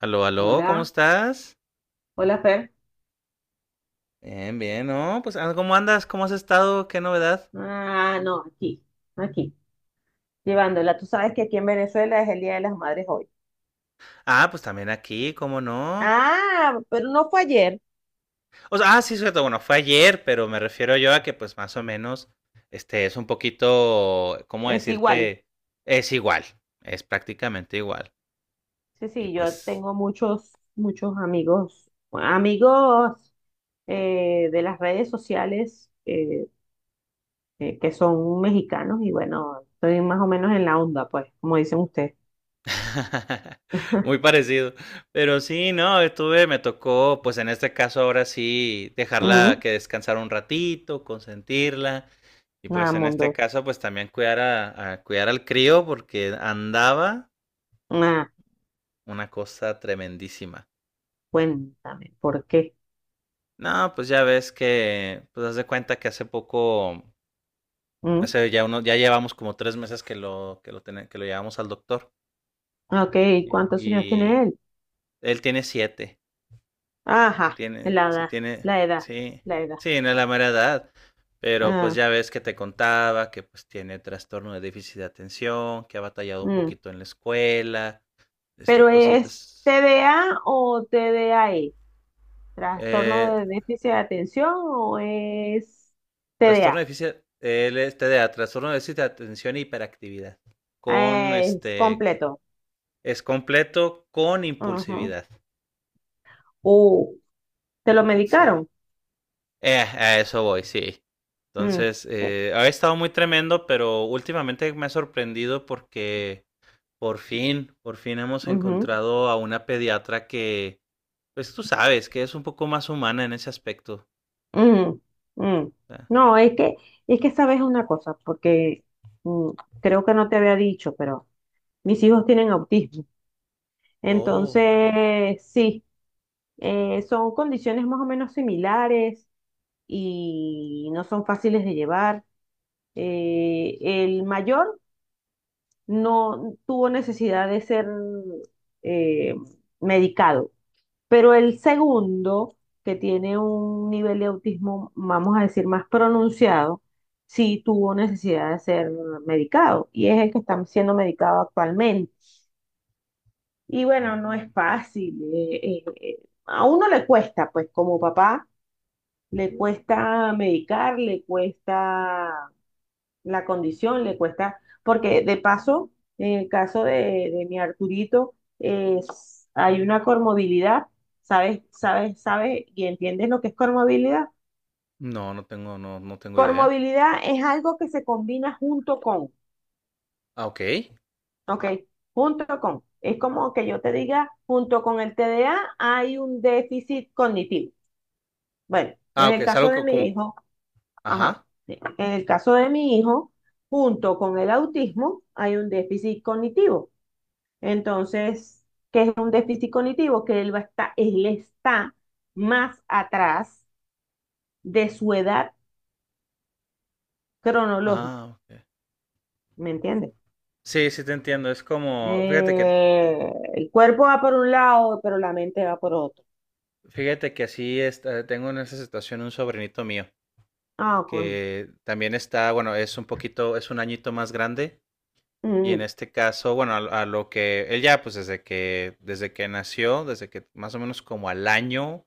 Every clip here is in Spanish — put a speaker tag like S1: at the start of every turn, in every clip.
S1: Aló, aló, ¿cómo
S2: Hola,
S1: estás?
S2: hola Fer.
S1: Bien, bien, ¿no? Pues, ¿cómo andas? ¿Cómo has estado? ¿Qué novedad?
S2: Ah, no, aquí, aquí, llevándola. Tú sabes que aquí en Venezuela es el Día de las Madres hoy.
S1: Pues también aquí, ¿cómo no?
S2: Ah, pero no fue ayer,
S1: O sea, sí, cierto, bueno, fue ayer, pero me refiero yo a que, pues, más o menos, este, es un poquito, ¿cómo
S2: es igual.
S1: decirte? Es igual, es prácticamente igual.
S2: Sí,
S1: Y
S2: sí, yo
S1: pues,
S2: tengo muchos, muchos amigos de las redes sociales que son mexicanos y bueno, estoy más o menos en la onda, pues, como dicen ustedes.
S1: Muy parecido. Pero sí, no, estuve, me tocó, pues en este caso ahora sí, dejarla
S2: Mm,
S1: que descansara un ratito, consentirla. Y
S2: nada,
S1: pues en este
S2: mundo.
S1: caso, pues también cuidar a, cuidar al crío porque andaba
S2: Ah,
S1: una cosa tremendísima.
S2: cuéntame, ¿por qué?
S1: No, pues ya ves que, pues haz de cuenta que hace poco,
S2: Mm,
S1: hace ya uno, ya llevamos como 3 meses que lo, que lo llevamos al doctor.
S2: ok,
S1: Y
S2: ¿cuántos años tiene
S1: y
S2: él?
S1: él tiene 7.
S2: Ajá, la edad,
S1: Tiene,
S2: la edad,
S1: sí,
S2: la edad.
S1: sí, no es la mera edad, pero pues
S2: Ah,
S1: ya ves que te contaba que pues tiene trastorno de déficit de atención, que ha batallado un
S2: mm.
S1: poquito en la escuela, este,
S2: Pero es
S1: cositas.
S2: TDA o TDAE, trastorno
S1: Eh,
S2: de déficit de atención o es
S1: trastorno de
S2: TDA.
S1: déficit, él es TDA, trastorno de déficit de atención e hiperactividad, con
S2: Ah, es
S1: este,
S2: completo.
S1: es completo con
S2: Ujú.
S1: impulsividad,
S2: Uh, ¿Te lo
S1: sí.
S2: medicaron?
S1: A eso voy, sí.
S2: Mm,
S1: Entonces,
S2: eh,
S1: ha estado muy tremendo, pero últimamente me ha sorprendido porque por fin, por fin hemos
S2: ujú,
S1: encontrado a una pediatra que, pues tú sabes, que es un poco más humana en ese aspecto.
S2: ujú, mm.
S1: O sea,
S2: No, es que, sabes una cosa, porque mm, creo que no te había dicho, pero mis hijos tienen autismo.
S1: oh, vale.
S2: Entonces, sí. Son condiciones más o menos similares y no son fáciles de llevar. El mayor no tuvo necesidad de ser eh, medicado, pero el segundo, que tiene un nivel de autismo, vamos a decir, más pronunciado, sí tuvo necesidad de ser medicado y es el que está siendo medicado actualmente. Y bueno, no
S1: Mm.
S2: es fácil. A uno le cuesta, pues como papá le cuesta medicar, le cuesta la condición, le cuesta, porque de paso, en el caso de mi Arturito, hay una comorbilidad. ¿Sabes, sabes, sabes y entiendes lo que es comorbilidad?
S1: No, no tengo, no, no tengo idea.
S2: Comorbilidad es algo que se combina junto con,
S1: Ah, ok.
S2: ¿ok? Junto con. Es como que yo te diga, junto con el TDA hay un déficit cognitivo. Bueno,
S1: Ah,
S2: en
S1: ok,
S2: el
S1: es
S2: caso
S1: algo
S2: de mi
S1: como,
S2: hijo. Ajá,
S1: ajá.
S2: sí. En el caso de mi hijo, junto con el autismo, hay un déficit cognitivo. Entonces, ¿qué es un déficit cognitivo? Que él va a estar, él está más atrás de su edad cronológica,
S1: Ah, ok.
S2: ¿me entiendes?
S1: Sí, sí te entiendo. Es como,
S2: El cuerpo va por un lado, pero la mente va por otro.
S1: fíjate que así está, tengo en esa situación un sobrinito mío
S2: Ah, coño.
S1: que también está, bueno, es un poquito, es un añito más grande. Y en
S2: Mm,
S1: este caso, bueno, a lo que él ya, pues desde que nació, desde que más o menos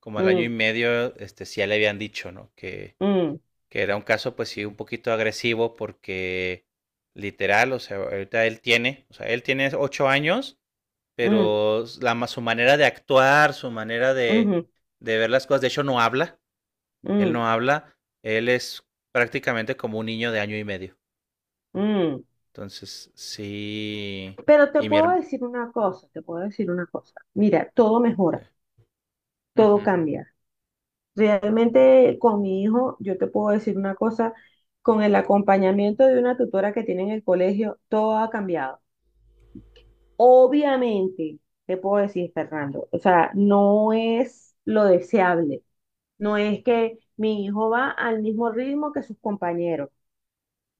S1: como al año y
S2: mm,
S1: medio, este, sí ya le habían dicho, ¿no?
S2: mm,
S1: Que era un caso, pues sí, un poquito agresivo porque literal, o sea, ahorita él tiene, o sea, él tiene 8 años,
S2: mm,
S1: pero la, su manera de actuar, su manera
S2: ujú,
S1: de ver las cosas, de hecho no habla, él no
S2: mm,
S1: habla, él es prácticamente como un niño de año y medio.
S2: mm.
S1: Entonces, sí.
S2: Pero te
S1: Y mi,
S2: puedo
S1: hermano,
S2: decir una cosa, te puedo decir una cosa. Mira, todo mejora. Todo
S1: ujú.
S2: cambia. Realmente con mi hijo, yo te puedo decir una cosa, con el acompañamiento de una tutora que tiene en el colegio, todo ha cambiado. Obviamente, te puedo decir, Fernando, o sea, no es lo deseable. No es que mi hijo va al mismo ritmo que sus compañeros,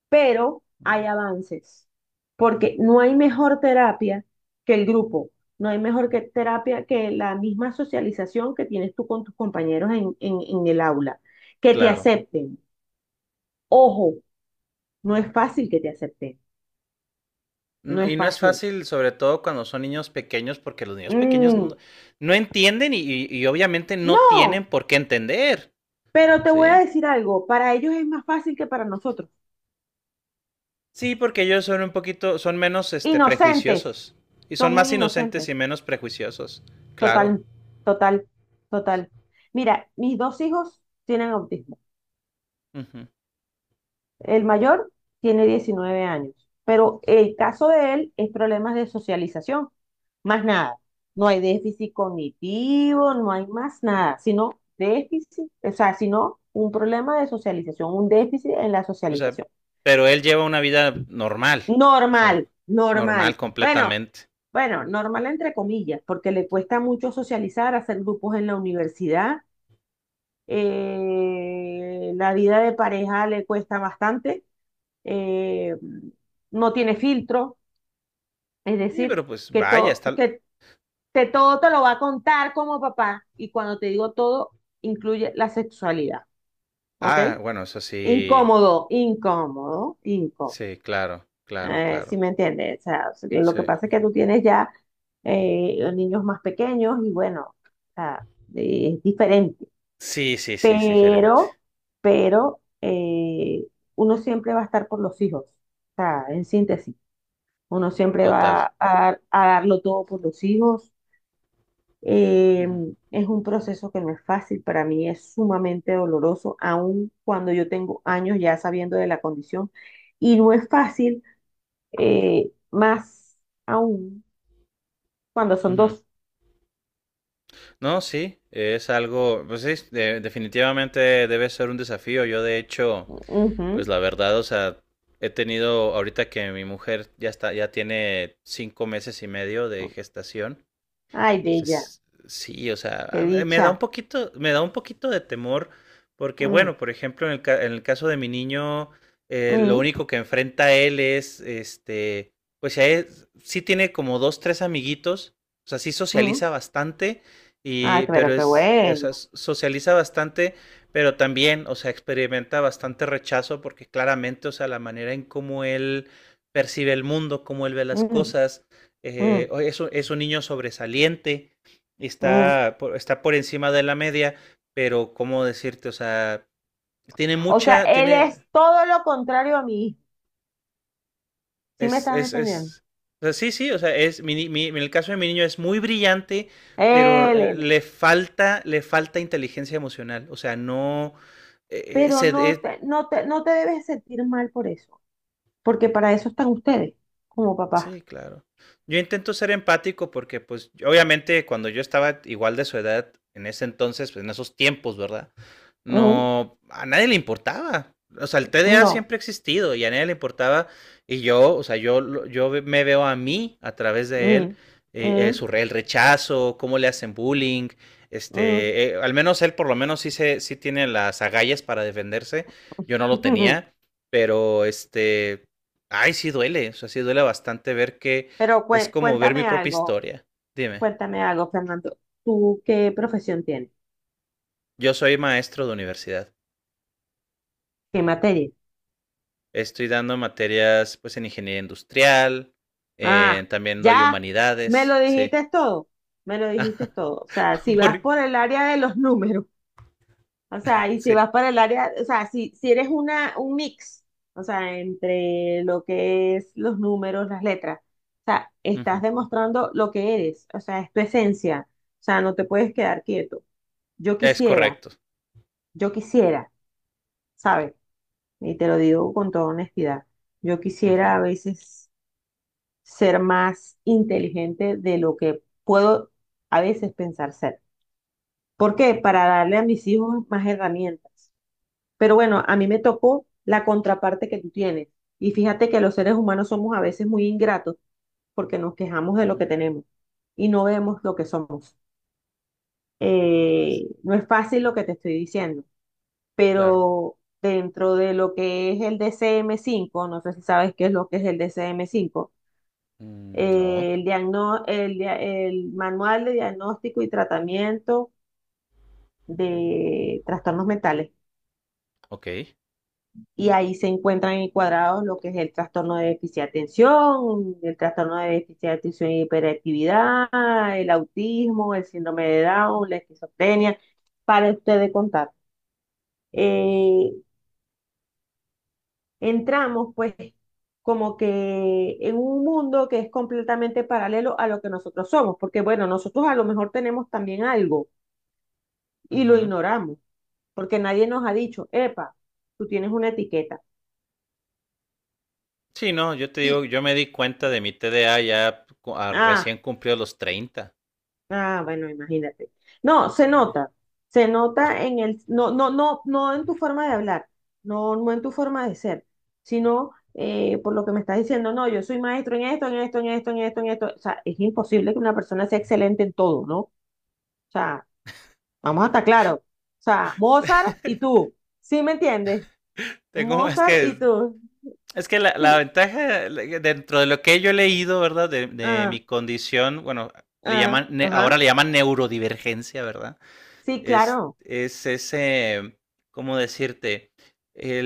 S2: pero
S1: Mm.
S2: hay avances, porque no hay mejor terapia que el grupo, no hay mejor que terapia que la misma socialización que tienes tú con tus compañeros en, en el aula, que te
S1: Claro.
S2: acepten. Ojo, no es fácil que te acepten, no
S1: Y
S2: es
S1: no es
S2: fácil.
S1: fácil, sobre todo cuando son niños pequeños, porque los niños pequeños no,
S2: Mm,
S1: no entienden y, y obviamente no
S2: no,
S1: tienen por qué entender,
S2: pero te voy a
S1: ¿sí?
S2: decir algo, para ellos es más fácil que para nosotros.
S1: Sí, porque ellos son un poquito, son menos, este,
S2: Inocentes,
S1: prejuiciosos y son
S2: son
S1: más
S2: muy
S1: inocentes
S2: inocentes,
S1: y menos prejuiciosos, claro.
S2: total, total, total. Mira, mis dos hijos tienen autismo.
S1: Ujú.
S2: El mayor tiene 19 años, pero el caso de él es problemas de socialización, más nada. No hay déficit cognitivo, no hay más nada, sino déficit, o sea, sino un problema de socialización, un déficit en la
S1: O sea,
S2: socialización.
S1: pero él lleva una vida normal, o sea,
S2: Normal,
S1: normal
S2: normal. Bueno,
S1: completamente.
S2: bueno, normal entre comillas, porque le cuesta mucho socializar, hacer grupos en la universidad. La vida de pareja le cuesta bastante. eh, no tiene filtro, es
S1: Sí,
S2: decir,
S1: pero pues
S2: que,
S1: vaya,
S2: to-
S1: está...
S2: que te, todo te lo va a contar como papá y cuando te digo todo, incluye la sexualidad, ¿ok?
S1: Ah, bueno, eso sí,
S2: Incómodo, incómodo, incómodo.
S1: sí, claro, claro,
S2: ¿Si
S1: claro,
S2: me entiendes? O sea, lo
S1: sí.
S2: que pasa es que tú tienes ya niños más pequeños y bueno, o sea, es diferente,
S1: Sí, sí, sí, es diferente.
S2: pero, pero eh, uno siempre va a estar por los hijos, o sea, en síntesis. Uno siempre
S1: Total.
S2: va a, a darlo todo por los hijos. Eh,
S1: Ujú,
S2: es un proceso que no es fácil, para mí es sumamente doloroso, aun cuando yo tengo años ya sabiendo de la condición. Y no es fácil, más aún cuando son
S1: ujú.
S2: dos.
S1: No, sí, es algo, pues sí, definitivamente debe ser un desafío. Yo de hecho, pues
S2: Ujú.
S1: la verdad, o sea, he tenido ahorita que mi mujer ya está, ya tiene 5 meses y medio de gestación.
S2: Ay, bella,
S1: Es- Sí, o sea,
S2: qué
S1: me da un
S2: dicha.
S1: poquito, me da un poquito de temor porque,
S2: Mm,
S1: bueno, por ejemplo, en el caso de mi niño, lo
S2: mm,
S1: único que enfrenta él es, este, pues si a sí tiene como dos, tres amiguitos, o sea, sí
S2: mm.
S1: socializa bastante,
S2: Ay,
S1: y, pero
S2: pero qué
S1: es, o sea,
S2: bueno.
S1: socializa bastante, pero también, o sea, experimenta bastante rechazo porque claramente, o sea, la manera en cómo él percibe el mundo, cómo él ve las
S2: Mm,
S1: cosas,
S2: mm,
S1: o es, es un niño sobresaliente,
S2: mm.
S1: está por, está por encima de la media, pero ¿cómo decirte? O sea, tiene
S2: O sea,
S1: mucha,
S2: él es
S1: tiene,
S2: todo lo contrario a mí. ¿Sí me estás entendiendo?
S1: es, o sea, sí, sí, o sea, es, mi en el caso de mi niño es muy brillante, pero
S2: Elena,
S1: le falta inteligencia emocional, o sea, no,
S2: pero
S1: se,
S2: no te debes sentir mal por eso, porque para eso están ustedes, como papás.
S1: sí, claro. Yo intento ser empático porque, pues, obviamente cuando yo estaba igual de su edad, en ese entonces, pues, en esos tiempos, ¿verdad?
S2: Ujú.
S1: No, a nadie le importaba. O sea, el TDA
S2: No.
S1: siempre ha existido y a nadie le importaba. Y yo, o sea, yo, lo- yo ve- me veo a mí a través de él,
S2: Mm, mm,
S1: el rechazo, cómo le hacen bullying.
S2: mm.
S1: Este, al menos él por lo menos sí, se, sí tiene las agallas para defenderse. Yo no lo tenía, pero este, ay, sí duele, o sea, sí duele bastante ver que
S2: Pero
S1: es como ver mi propia historia. Dime,
S2: cuéntame algo, Fernando. ¿Tú qué profesión tienes?
S1: yo soy maestro de universidad.
S2: ¿Qué materia?
S1: Estoy dando materias pues en ingeniería industrial,
S2: Ah,
S1: también doy
S2: ya, me
S1: humanidades,
S2: lo
S1: sí.
S2: dijiste todo, me lo dijiste todo. O sea, si vas
S1: Por-
S2: por el área de los números. O sea, y si
S1: sí.
S2: vas para el área, o sea, si eres una, un mix, o sea, entre lo que es los números, las letras, o sea,
S1: Ujú.
S2: estás demostrando lo que eres, o sea, es tu esencia, o sea, no te puedes quedar quieto. Yo
S1: Es
S2: quisiera,
S1: correcto.
S2: yo quisiera, ¿sabes? Y te lo digo con toda honestidad, yo
S1: Ujú,
S2: quisiera a veces ser más inteligente de lo que puedo a veces pensar ser. ¿Por qué? Para darle a mis hijos más herramientas. Pero bueno, a mí me tocó la contraparte que tú tienes. Y fíjate que los seres humanos somos a veces muy ingratos porque nos quejamos de lo que
S1: ujú.
S2: tenemos y no vemos lo que somos.
S1: Es-
S2: No es fácil lo que te estoy diciendo,
S1: claro.
S2: pero dentro de lo que es el DCM-5, no sé si sabes qué es lo que es el DCM-5,
S1: Mm, no,
S2: el Manual de Diagnóstico y Tratamiento de Trastornos Mentales.
S1: ok.
S2: Y ahí se encuentran encuadrados lo que es el trastorno de déficit de atención, el trastorno de déficit de atención y hiperactividad, el autismo, el síndrome de Down, la esquizofrenia, para ustedes contar. Eh, entramos pues como que en un mundo que es completamente paralelo a lo que nosotros somos, porque bueno, nosotros a lo mejor tenemos también algo y lo
S1: Ujú.
S2: ignoramos, porque nadie nos ha dicho, epa, tú tienes una etiqueta.
S1: Sí, no, yo te digo,
S2: Y,
S1: yo me di cuenta de mi TDA ya
S2: ah,
S1: recién cumplió los 30.
S2: Bueno, imagínate. No,
S1: Sí.
S2: se nota no, no, no, no en tu forma de hablar, no, no en tu forma de ser, sino por lo que me estás diciendo, no, yo soy maestro en esto, en esto, en esto, en esto, en esto. O sea, es imposible que una persona sea excelente en todo, ¿no? O sea, vamos a estar claros. O sea, Mozart y tú, ¿sí me entiendes?
S1: Tengo, es
S2: Mozart
S1: que
S2: y tú,
S1: Es que la
S2: sí,
S1: ventaja, dentro de lo que yo he leído, ¿verdad? De
S2: ah,
S1: mi condición, bueno, le
S2: ah,
S1: llaman, ahora
S2: ajá,
S1: le llaman neurodivergencia, ¿verdad?
S2: sí, claro.
S1: Es ese, ¿cómo decirte?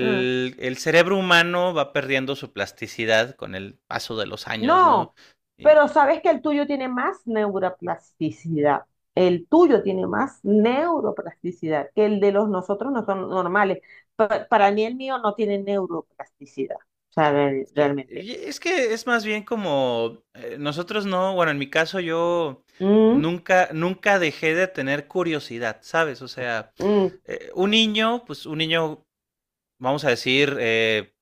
S2: Ah.
S1: El cerebro humano va perdiendo su plasticidad con el paso de los años, ¿no?
S2: No,
S1: Y
S2: pero sabes que el tuyo tiene más neuroplasticidad. El tuyo tiene más neuroplasticidad que el de los nosotros no son normales. Para mí el mío no tiene neuroplasticidad. O sea,
S1: es que,
S2: realmente.
S1: y es que es más bien como, nosotros no, bueno, en mi caso yo
S2: Mm,
S1: nunca, nunca dejé de tener curiosidad, ¿sabes? O sea,
S2: mm,
S1: un niño, pues un niño vamos a decir, eh,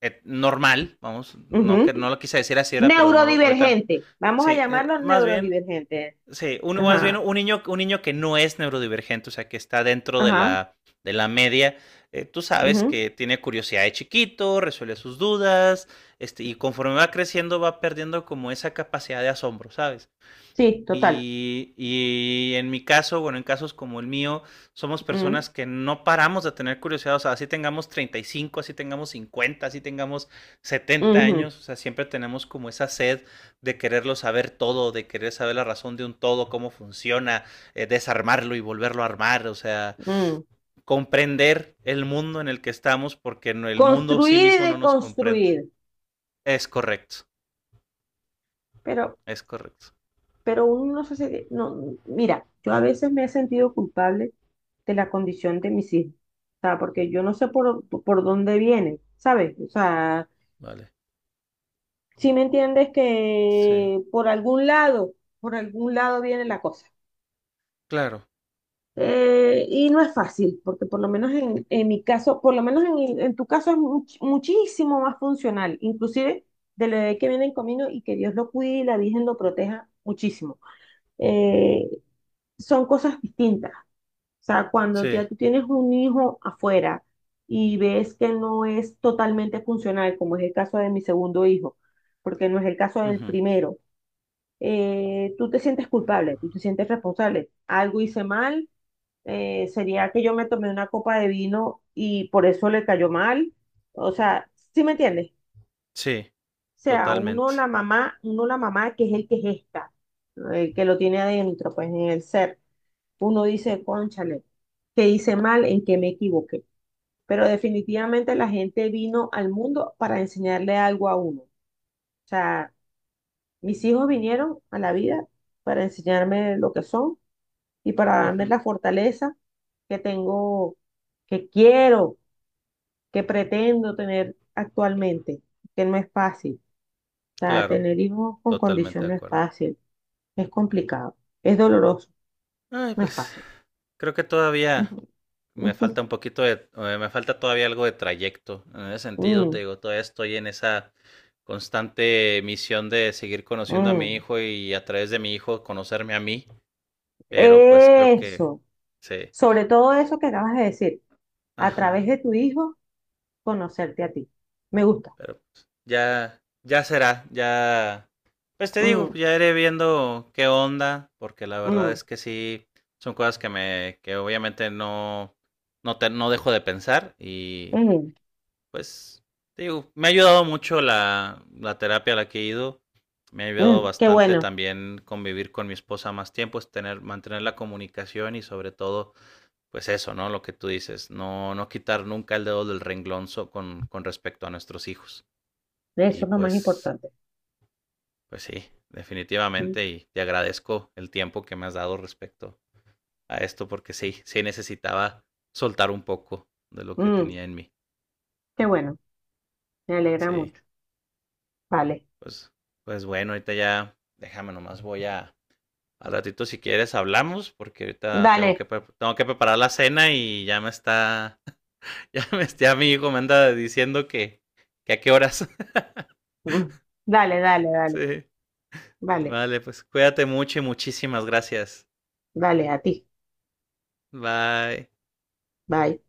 S1: eh, normal, vamos, no,
S2: ujú.
S1: que, no lo quise decir así era, pero no, ahorita,
S2: Neurodivergente. Vamos a
S1: sí,
S2: llamarlo
S1: más bien,
S2: neurodivergente.
S1: sí, más bien
S2: Ajá,
S1: un niño que no es neurodivergente, o sea, que está dentro de
S2: ajá.
S1: de la media, tú sabes
S2: Ujú.
S1: que tiene curiosidad de chiquito, resuelve sus dudas, este, y conforme va creciendo va perdiendo como esa capacidad de asombro, ¿sabes?
S2: Sí, total.
S1: Y en mi caso, bueno, en casos como el mío, somos
S2: Mm,
S1: personas que no paramos de tener curiosidad. O sea, así tengamos 35, así tengamos 50, así tengamos setenta
S2: ujú,
S1: años. O sea, siempre tenemos como esa sed de quererlo saber todo, de querer saber la razón de un todo, cómo funciona, desarmarlo y volverlo a armar. O sea,
S2: mm.
S1: comprender el mundo en el que estamos porque no, el mundo sí
S2: Construir y
S1: mismo no nos comprende.
S2: deconstruir.
S1: Es correcto,
S2: Pero,
S1: es correcto.
S2: uno no se. No, mira, yo a veces me he sentido culpable de la condición de mis hijos, o sea, porque yo no sé por dónde vienen, ¿sabes? O sea,
S1: Vale.
S2: si me entiendes
S1: Sí,
S2: que por algún lado viene la cosa.
S1: claro.
S2: Y no es fácil, porque por lo menos en mi caso, por lo menos en tu caso es muchísimo más funcional, inclusive del bebé que viene en camino y que Dios lo cuide y la Virgen lo proteja muchísimo. Eh, son cosas distintas. O sea, cuando
S1: Sí.
S2: ya tú tienes un hijo afuera y ves que no es totalmente funcional, como es el caso de mi segundo hijo, porque no es el caso del
S1: Ujú,
S2: primero, tú te sientes culpable, tú te sientes responsable. Algo hice mal, sería que yo me tomé una copa de vino y por eso le cayó mal. O sea, ¿sí me entiendes?
S1: sí.
S2: O sea,
S1: Totalmente.
S2: uno la mamá que es el que gesta, el que lo tiene adentro, pues en el ser uno dice, cónchale, que hice mal, en que me equivoqué. Pero definitivamente la gente vino al mundo para enseñarle algo a uno. O sea, mis hijos vinieron a la vida para enseñarme lo que son y para darme
S1: Ujú.
S2: la fortaleza que tengo, que quiero, que pretendo tener actualmente, que no es fácil. O sea,
S1: Claro,
S2: tener hijos con
S1: totalmente
S2: condición
S1: de
S2: no es
S1: acuerdo.
S2: fácil, es complicado, es doloroso,
S1: Ay,
S2: no es
S1: pues
S2: fácil.
S1: creo que todavía me falta un poquito de, me falta todavía algo de trayecto. En ese sentido,
S2: Mm,
S1: te digo, todavía estoy en esa constante misión de seguir conociendo a mi
S2: mm.
S1: hijo y a través de mi hijo conocerme a mí, pero pues creo que
S2: Eso,
S1: sí.
S2: sobre todo
S1: eh,
S2: eso que acabas de decir, a través
S1: ajá.
S2: de tu hijo, conocerte a ti. Me gusta.
S1: Pero pues, ya, ya será, ya. Pues te digo,
S2: Mm,
S1: ya iré viendo qué onda, porque la verdad
S2: mm,
S1: es que sí, son cosas que me, que obviamente no, no, te, no dejo de pensar y
S2: mm,
S1: pues, te digo, me ha ayudado mucho la terapia a la que he ido, me ha ayudado
S2: mm, qué
S1: bastante
S2: bueno,
S1: también convivir con mi esposa más tiempo, es tener, mantener la comunicación y sobre todo, pues eso, ¿no? Lo que tú dices, no, no quitar nunca el dedo del renglón con respecto a nuestros hijos. Y
S2: eso es lo más
S1: pues,
S2: importante.
S1: pues sí,
S2: Mm,
S1: definitivamente. Y te agradezco el tiempo que me has dado respecto a esto, porque sí, sí necesitaba soltar un poco de lo que
S2: mm,
S1: tenía en mí.
S2: qué bueno, me alegra
S1: Sí,
S2: mucho. Vale,
S1: pues, pues bueno, ahorita ya, déjame nomás, voy a, al ratito si quieres hablamos, porque ahorita tengo que,
S2: dale,
S1: preparar la cena y ya me está, ya me está, mi hijo me anda diciendo que, a qué horas.
S2: mm, dale, dale, dale,
S1: Sí,
S2: vale,
S1: vale, pues cuídate mucho y muchísimas gracias.
S2: dale, a ti.
S1: Bye.
S2: Bye.